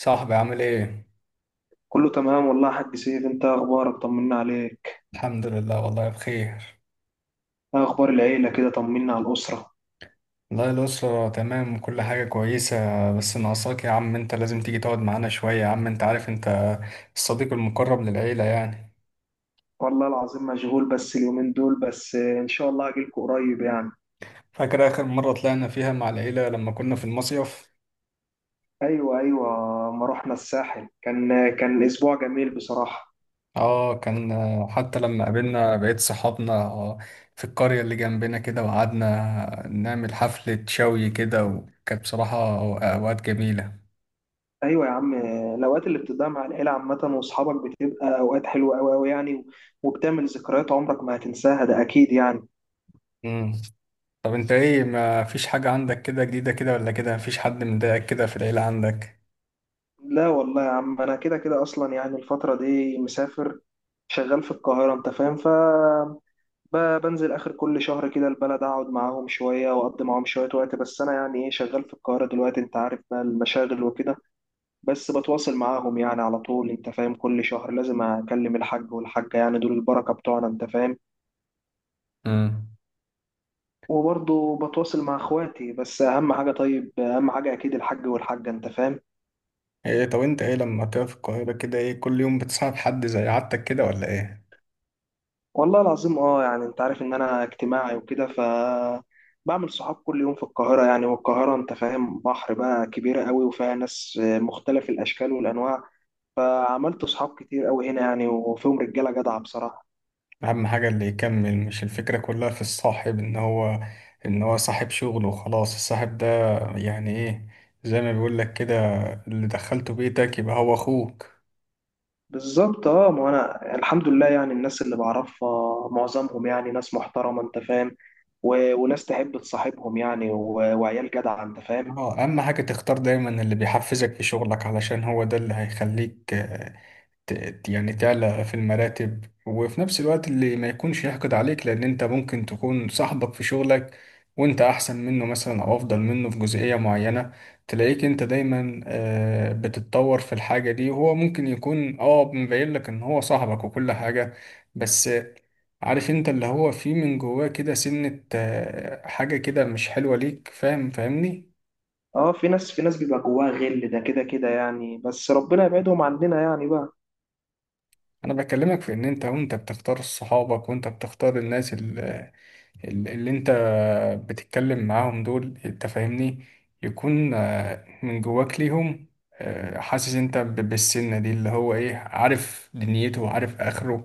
صاحبي عامل ايه؟ كله تمام والله يا حاج سيف، انت إيه اخبارك؟ طمنا عليك. الحمد لله والله بخير. ايه اخبار العيله كده؟ طمنا على الاسره. والله الأسرة تمام وكل حاجة كويسة. بس ناقصاك يا عم، انت لازم تيجي تقعد معانا شوية يا عم، انت عارف انت الصديق المقرب للعيلة يعني. والله العظيم مشغول بس اليومين دول، بس ان شاء الله اجيلكوا قريب يعني. فاكر آخر مرة طلعنا فيها مع العيلة لما كنا في المصيف؟ ايوه، ايوه، ما رحنا الساحل، كان اسبوع جميل بصراحه. اه كان. حتى لما قابلنا بقية صحابنا في القرية اللي جنبنا كده، وقعدنا نعمل حفلة شوي كده، وكانت بصراحة أوقات جميلة. ايوه يا عم، الاوقات اللي بتضيع مع العيله عامه واصحابك بتبقى اوقات حلوه قوي قوي يعني، وبتعمل ذكريات عمرك ما هتنساها، ده اكيد يعني. طب انت ايه، ما فيش حاجة عندك كده جديدة كده ولا كده؟ مفيش حد مضايقك كده في العيلة عندك؟ لا والله يا عم، انا كده كده اصلا يعني الفتره دي مسافر، شغال في القاهره انت فاهم، ف بنزل آخر كل شهر كده البلد، أقعد معاهم شوية وأقضي معاهم شوية وقت، بس أنا يعني إيه شغال في القاهرة دلوقتي، أنت عارف بقى المشاغل وكده. بس بتواصل معاهم يعني على طول، أنت فاهم، كل شهر لازم أكلم الحاج والحاجة، يعني دول البركة بتوعنا أنت فاهم. امم. وبرضه بتواصل مع إخواتي، بس أهم حاجة، طيب أهم حاجة أكيد الحاج والحاجة أنت فاهم. ايه طب انت ايه لما كده في القاهرة كده، ايه كل يوم بتصاحب حد زي عادتك كده ولا ايه؟ والله العظيم أه، يعني أنت عارف إن أنا اجتماعي وكده، ف بعمل صحاب كل يوم في القاهرة يعني، والقاهرة أنت فاهم بحر بقى، كبيرة قوي وفيها ناس مختلف الأشكال والأنواع، فعملت صحاب كتير قوي هنا يعني، وفيهم رجاله جدعه بصراحه. اهم حاجة اللي يكمل، مش الفكرة كلها في الصاحب ان هو ان هو صاحب شغل وخلاص، الصاحب ده يعني ايه؟ زي ما بيقول لك كده، اللي دخلته بيتك يبقى هو اخوك. بالظبط اه، ما انا الحمد لله يعني الناس اللي بعرفها معظمهم يعني ناس محترمه انت فاهم، وناس تحب تصاحبهم يعني، وعيال جدعه انت فاهم. اه، اهم حاجة تختار دايما اللي بيحفزك في شغلك، علشان هو ده اللي هيخليك يعني تعلى في المراتب، وفي نفس الوقت اللي ما يكونش يحقد عليك، لان انت ممكن تكون صاحبك في شغلك وانت احسن منه مثلا او افضل منه في جزئية معينة، تلاقيك انت دايما بتتطور في الحاجة دي، وهو ممكن يكون اه مبين لك ان هو صاحبك وكل حاجة. بس عارف انت اللي هو فيه من جواه كده، سنة حاجة كده مش حلوة ليك، فاهم فاهمني؟ اه في ناس، في ناس بيبقى جواها غل، ده كده كده يعني، بس ربنا يبعدهم عننا يعني بقى. انا بكلمك في ان انت وانت بتختار صحابك وانت بتختار الناس اللي انت بتتكلم معاهم دول، انت فاهمني، يكون من جواك ليهم حاسس انت بالسنة دي اللي هو ايه، عارف دنيته وعارف اخره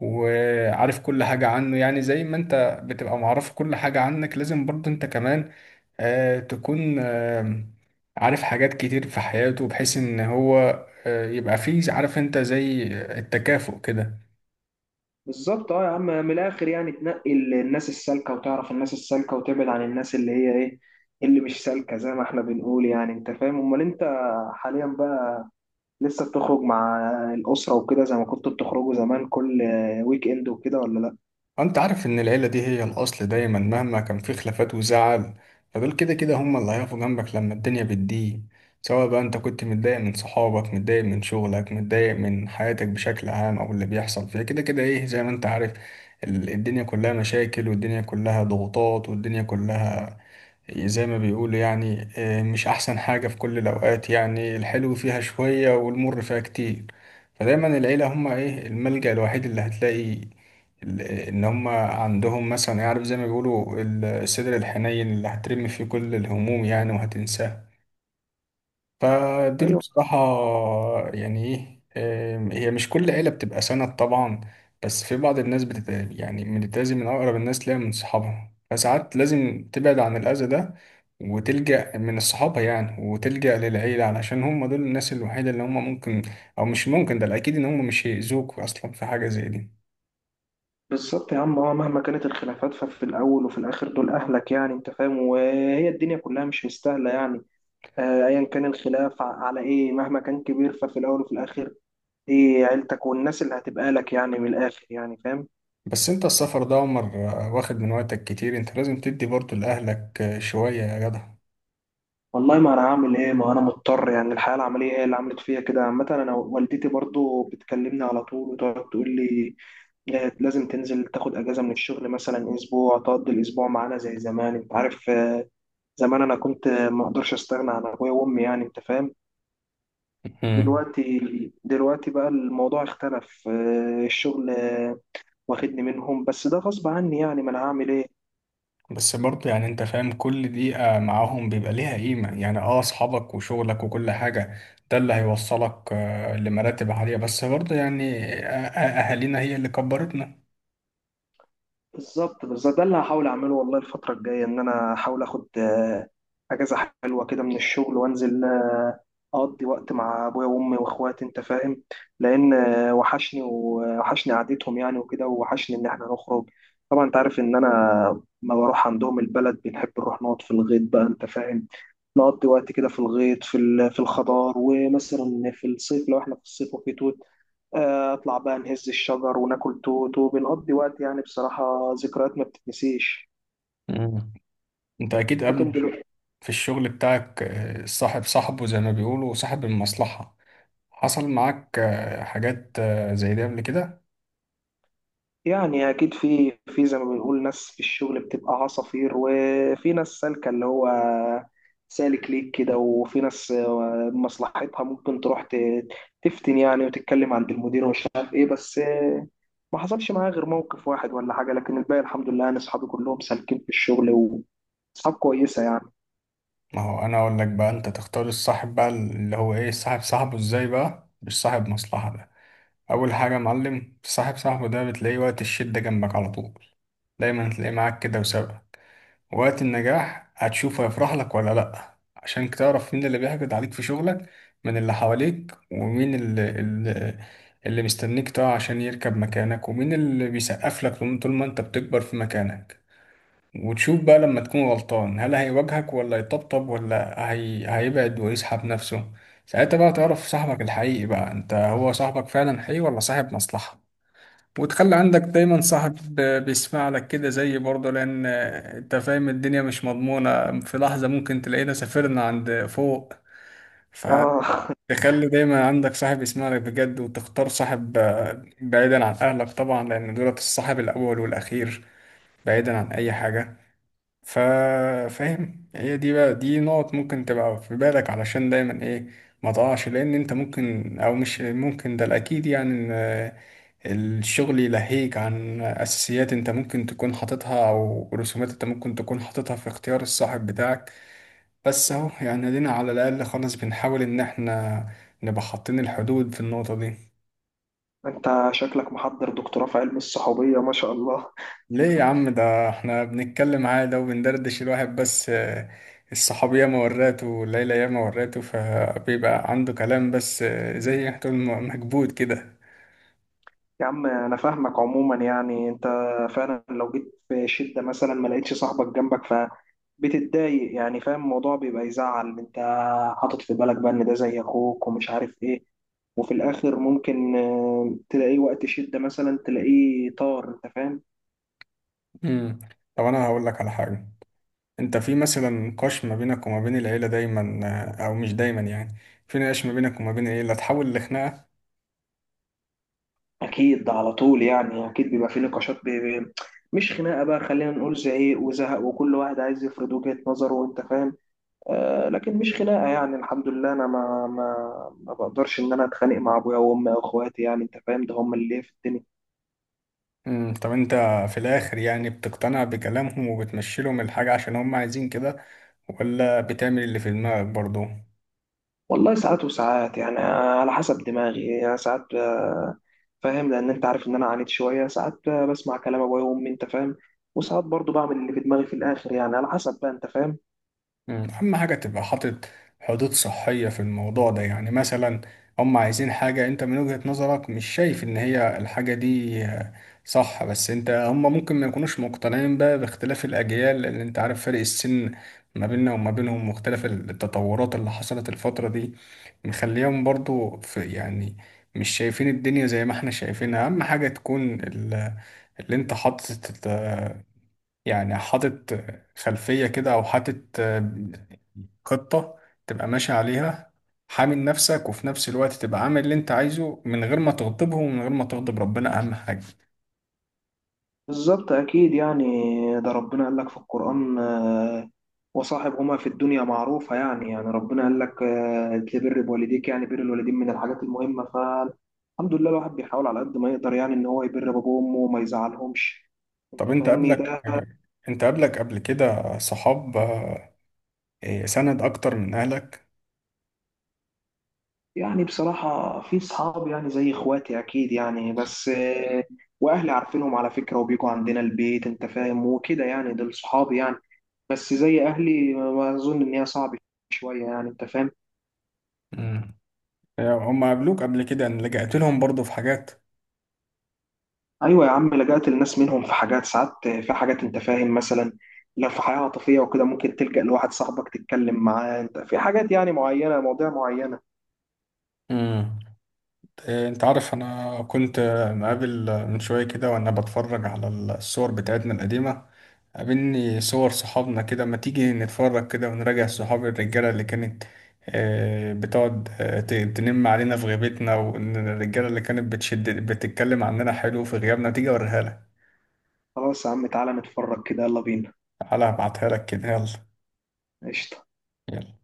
وعارف كل حاجة عنه، يعني زي ما انت بتبقى معرف كل حاجة عنك، لازم برضه انت كمان تكون عارف حاجات كتير في حياته، بحيث ان هو يبقى فيه، عارف انت زي التكافؤ كده. بالظبط اه يا عم، من الاخر يعني تنقي الناس السالكه، وتعرف الناس السالكه، وتبعد عن الناس اللي هي ايه، اللي مش سالكه زي ما احنا بنقول يعني انت فاهم. امال انت حاليا لسه بتخرج مع الأسرة وكده زي ما كنتوا بتخرجوا زمان كل ويك إند وكده ولا لأ؟ انت عارف ان العيلة دي هي الاصل دايما مهما كان في خلافات وزعل. فدول كده كده هم اللي هيقفوا جنبك لما الدنيا بتضيق، سواء بقى انت كنت متضايق من صحابك، متضايق من شغلك، متضايق من حياتك بشكل عام، او اللي بيحصل فيها كده كده ايه زي ما انت عارف. الدنيا كلها مشاكل، والدنيا كلها ضغوطات، والدنيا كلها زي ما بيقولوا يعني مش أحسن حاجة في كل الأوقات، يعني الحلو فيها شوية والمر فيها كتير. فدايما العيلة هما إيه الملجأ الوحيد اللي هتلاقي إن هما عندهم، مثلا يعرف زي ما بيقولوا الصدر الحنين اللي هترمي فيه كل الهموم يعني وهتنساها. فدي اللي أيوه. بصراحة يعني ايه. هي مش كل عيلة بتبقى سند طبعا، بس في بعض الناس بتتأذي من أقرب الناس ليها من صحابها، فساعات لازم تبعد عن الأذى ده وتلجأ من الصحابة يعني، وتلجأ للعيلة علشان هم دول الناس الوحيدة اللي هم ممكن، أو مش ممكن ده الأكيد، إن هم مش هيأذوك أصلا في حاجة زي دي. بالظبط يا عم اه، مهما كانت الخلافات ففي الأول وفي الآخر دول أهلك يعني أنت فاهم، وهي الدنيا كلها مش مستاهلة يعني. آه، أيا كان الخلاف على إيه، مهما كان كبير ففي الأول وفي الآخر دي عيلتك، والناس اللي هتبقى لك يعني من الآخر يعني، فاهم؟ بس أنت السفر ده يا عمر واخد من وقتك كتير، أنت لازم تدي برضه لأهلك شوية يا والله ما أنا هعمل إيه، ما أنا مضطر يعني، الحياة العملية هي اللي عملت فيا كده عامة. أنا والدتي برضو بتكلمني على طول وتقعد تقول لي، آه، لازم تنزل تاخد اجازه من الشغل مثلا اسبوع تقضي الاسبوع معانا زي زمان انت عارف. آه، زمان انا كنت آه، ما اقدرش استغنى عن ابويا وامي يعني انت فاهم. جدع. دلوقتي، دلوقتي بقى الموضوع اختلف، آه، الشغل آه، واخدني منهم، بس ده غصب عني يعني، ما انا هعمل ايه. بس برضه يعني انت فاهم، كل دقيقة معاهم بيبقى ليها قيمة، يعني اه اصحابك وشغلك وكل حاجة ده اللي هيوصلك لمراتب عالية، بس برضه يعني اهالينا هي اللي كبرتنا. بالظبط، بس ده اللي هحاول اعمله والله، الفتره الجايه ان انا احاول اخد آه، اجازه حلوه كده من الشغل، وانزل آه، اقضي وقت مع ابويا وامي واخواتي انت فاهم، لان آه، وحشني ووحشني قعدتهم يعني، وكده ووحشني ان احنا نخرج. طبعا انت عارف ان انا ما بروح عندهم البلد بنحب نروح نقعد في الغيط بقى انت فاهم، نقضي وقت كده في الغيط، في في الخضار، ومثلا في الصيف لو احنا في الصيف وفي توت، آه، اطلع بقى نهز الشجر وناكل توت، وبنقضي وقت يعني بصراحة ذكريات ما بتتنسيش. مم. انت اكيد لكن قبل، دلوقتي في الشغل بتاعك صاحب صاحبه زي ما بيقولوا وصاحب المصلحة، حصل معاك حاجات زي دي قبل كده؟ يعني اكيد، في في زي ما بنقول ناس في الشغل بتبقى عصافير، وفي ناس سالكة اللي هو سالك ليك كده، وفي ناس آه، مصلحتها ممكن تروح تفتن يعني وتتكلم عند المدير ومش عارف ايه، بس آه، ما حصلش معايا غير موقف واحد ولا حاجة، لكن الباقي الحمد لله انا اصحابي كلهم سالكين في الشغل واصحاب كويسة يعني. ما هو انا اقول لك بقى، انت تختار الصاحب بقى اللي هو ايه، صاحب صاحبه ازاي بقى، مش صاحب مصلحة ده. اول حاجه يا معلم، صاحب صاحبه ده بتلاقيه وقت الشده جنبك على طول، دايما هتلاقيه معاك كده وسبب. وقت النجاح هتشوفه يفرح لك ولا لا، عشان تعرف مين اللي بيحقد عليك في شغلك من اللي حواليك، ومين اللي مستنيك تقع عشان يركب مكانك، ومين اللي بيسقف لك طول ما انت بتكبر في مكانك. وتشوف بقى لما تكون غلطان، هل هيواجهك ولا يطبطب، ولا هيبعد ويسحب نفسه. ساعتها بقى تعرف صاحبك الحقيقي بقى، انت هو صاحبك فعلا حقيقي ولا صاحب مصلحة. وتخلي عندك دايما صاحب بيسمع لك كده زي برضه، لأن أنت فاهم الدنيا مش مضمونة، في لحظة ممكن تلاقينا سافرنا عند فوق. فتخلي اه، دايما عندك صاحب يسمع لك بجد، وتختار صاحب بعيدا عن أهلك طبعا، لأن دولت الصاحب الأول والأخير بعيدا عن أي حاجة. ف- فاهم، هي دي بقى، دي نقط ممكن تبقى في بالك، علشان دايما إيه، ما تقعش. لأن أنت ممكن أو مش ممكن ده الأكيد يعني الشغل يلهيك عن أساسيات أنت ممكن تكون حاططها، أو رسومات أنت ممكن تكون حاططها في اختيار الصاحب بتاعك. بس أهو يعني دينا على الأقل خالص بنحاول إن إحنا نبقى حاطين الحدود في النقطة دي. انت شكلك محضر دكتوراه في علم الصحوبية ما شاء الله. ليه يا عم؟ ده إحنا بنتكلم عادي وبندردش. الواحد بس الصحاب ياما وراته والليلة ياما وراته، فبيبقى عنده كلام بس زي ما تقول مكبوت كده. يا عم انا فاهمك عموما، يعني انت فعلا لو جيت في شدة مثلا ما لقيتش صاحبك جنبك، فبتتضايق يعني، فاهم الموضوع بيبقى يزعل، انت حاطط في بالك بقى ان ده زي اخوك ومش عارف ايه، وفي الاخر ممكن آه، تلاقيه وقت شدة مثلا تلاقيه طار انت فاهم. مم. طب أنا هقول لك على حاجة. انت في مثلا نقاش ما بينك وما بين العيلة دايما او مش دايما يعني، في نقاش ما بينك وما بين العيلة تحول لخناقة؟ اكيد، ده على طول يعني، اكيد بيبقى في نقاشات مش خناقة بقى، خلينا نقول زعيق وزهق، وكل واحد عايز يفرض وجهة نظره وانت فاهم. آه، لكن مش خناقه يعني، الحمد لله انا ما بقدرش ان انا اتخانق مع ابويا وامي او اخواتي يعني انت فاهم، ده هم اللي في الدنيا. امم. طب انت في الاخر يعني بتقتنع بكلامهم وبتمشي لهم الحاجة عشان هم عايزين كده، ولا بتعمل اللي في دماغك برضو؟ والله ساعات وساعات يعني آه، على حسب دماغي يعني، ساعات آه، فاهم، لان انت عارف ان انا عانيت شويه، ساعات آه، بسمع كلام ابويا وامي انت فاهم، وساعات برضو بعمل اللي في دماغي في الاخر يعني على حسب بقى انت فاهم. مم. أهم حاجة تبقى حاطط حدود صحية في الموضوع ده. يعني مثلا هم عايزين حاجة أنت من وجهة نظرك مش شايف إن هي الحاجة دي صح، بس أنت هم ممكن ما يكونوش مقتنعين بقى باختلاف الأجيال، لأن أنت عارف فرق السن ما بيننا وما بينهم، واختلاف التطورات اللي حصلت الفترة دي مخليهم برضو في يعني مش شايفين الدنيا زي ما احنا شايفينها. أهم حاجة تكون اللي أنت حاطط، يعني حاطط خلفية كده، أو حاطط خطة تبقى ماشي عليها، حامل نفسك وفي نفس الوقت تبقى عامل اللي أنت عايزه، من غير ما تغضبهم ومن غير ما تغضب ربنا أهم حاجة. بالظبط أكيد يعني، ده ربنا قال لك في القرآن آه، وصاحبهما في الدنيا معروفة يعني، يعني ربنا قال لك آه، تبر بوالديك، يعني بر الوالدين من الحاجات المهمة، فالحمد لله الواحد بيحاول على قد ما يقدر يعني إن هو يبر بابه وأمه وما يزعلهمش، طب أنت أنت فاهمني قبلك، ده. قبل كده صحاب إيه، سند أكتر من أهلك؟ يعني بصراحة في صحاب يعني زي إخواتي أكيد يعني، بس آه، وأهلي عارفينهم على فكرة وبيجوا عندنا البيت أنت فاهم وكده، يعني دول صحابي يعني، بس زي أهلي ما أظن، إن هي صعب شوية يعني أنت فاهم. مم. يعني هم قابلوك قبل كده إن لجأت لهم برضه في حاجات؟ ايوه يا عم، لجأت للناس منهم في حاجات، ساعات في حاجات انت فاهم، مثلا لو في حياه عاطفيه وكده ممكن تلجأ لواحد صاحبك تتكلم معاه انت في حاجات يعني معينه، مواضيع معينه. مم. إيه، انت عارف انا كنت مقابل من شوية كده وانا بتفرج على الصور بتاعتنا القديمة، قابلني صور صحابنا كده، ما تيجي نتفرج كده ونراجع صحاب الرجالة اللي كانت بتقعد تنم علينا في غيبتنا، والرجالة اللي كانت بتشد بتتكلم عننا حلو في غيابنا؟ تيجي اوريها لك. خلاص يا عم، تعالى نتفرج كده، يلا بينا. تعالى هبعتها لك كده، يلا. قشطه. يلا.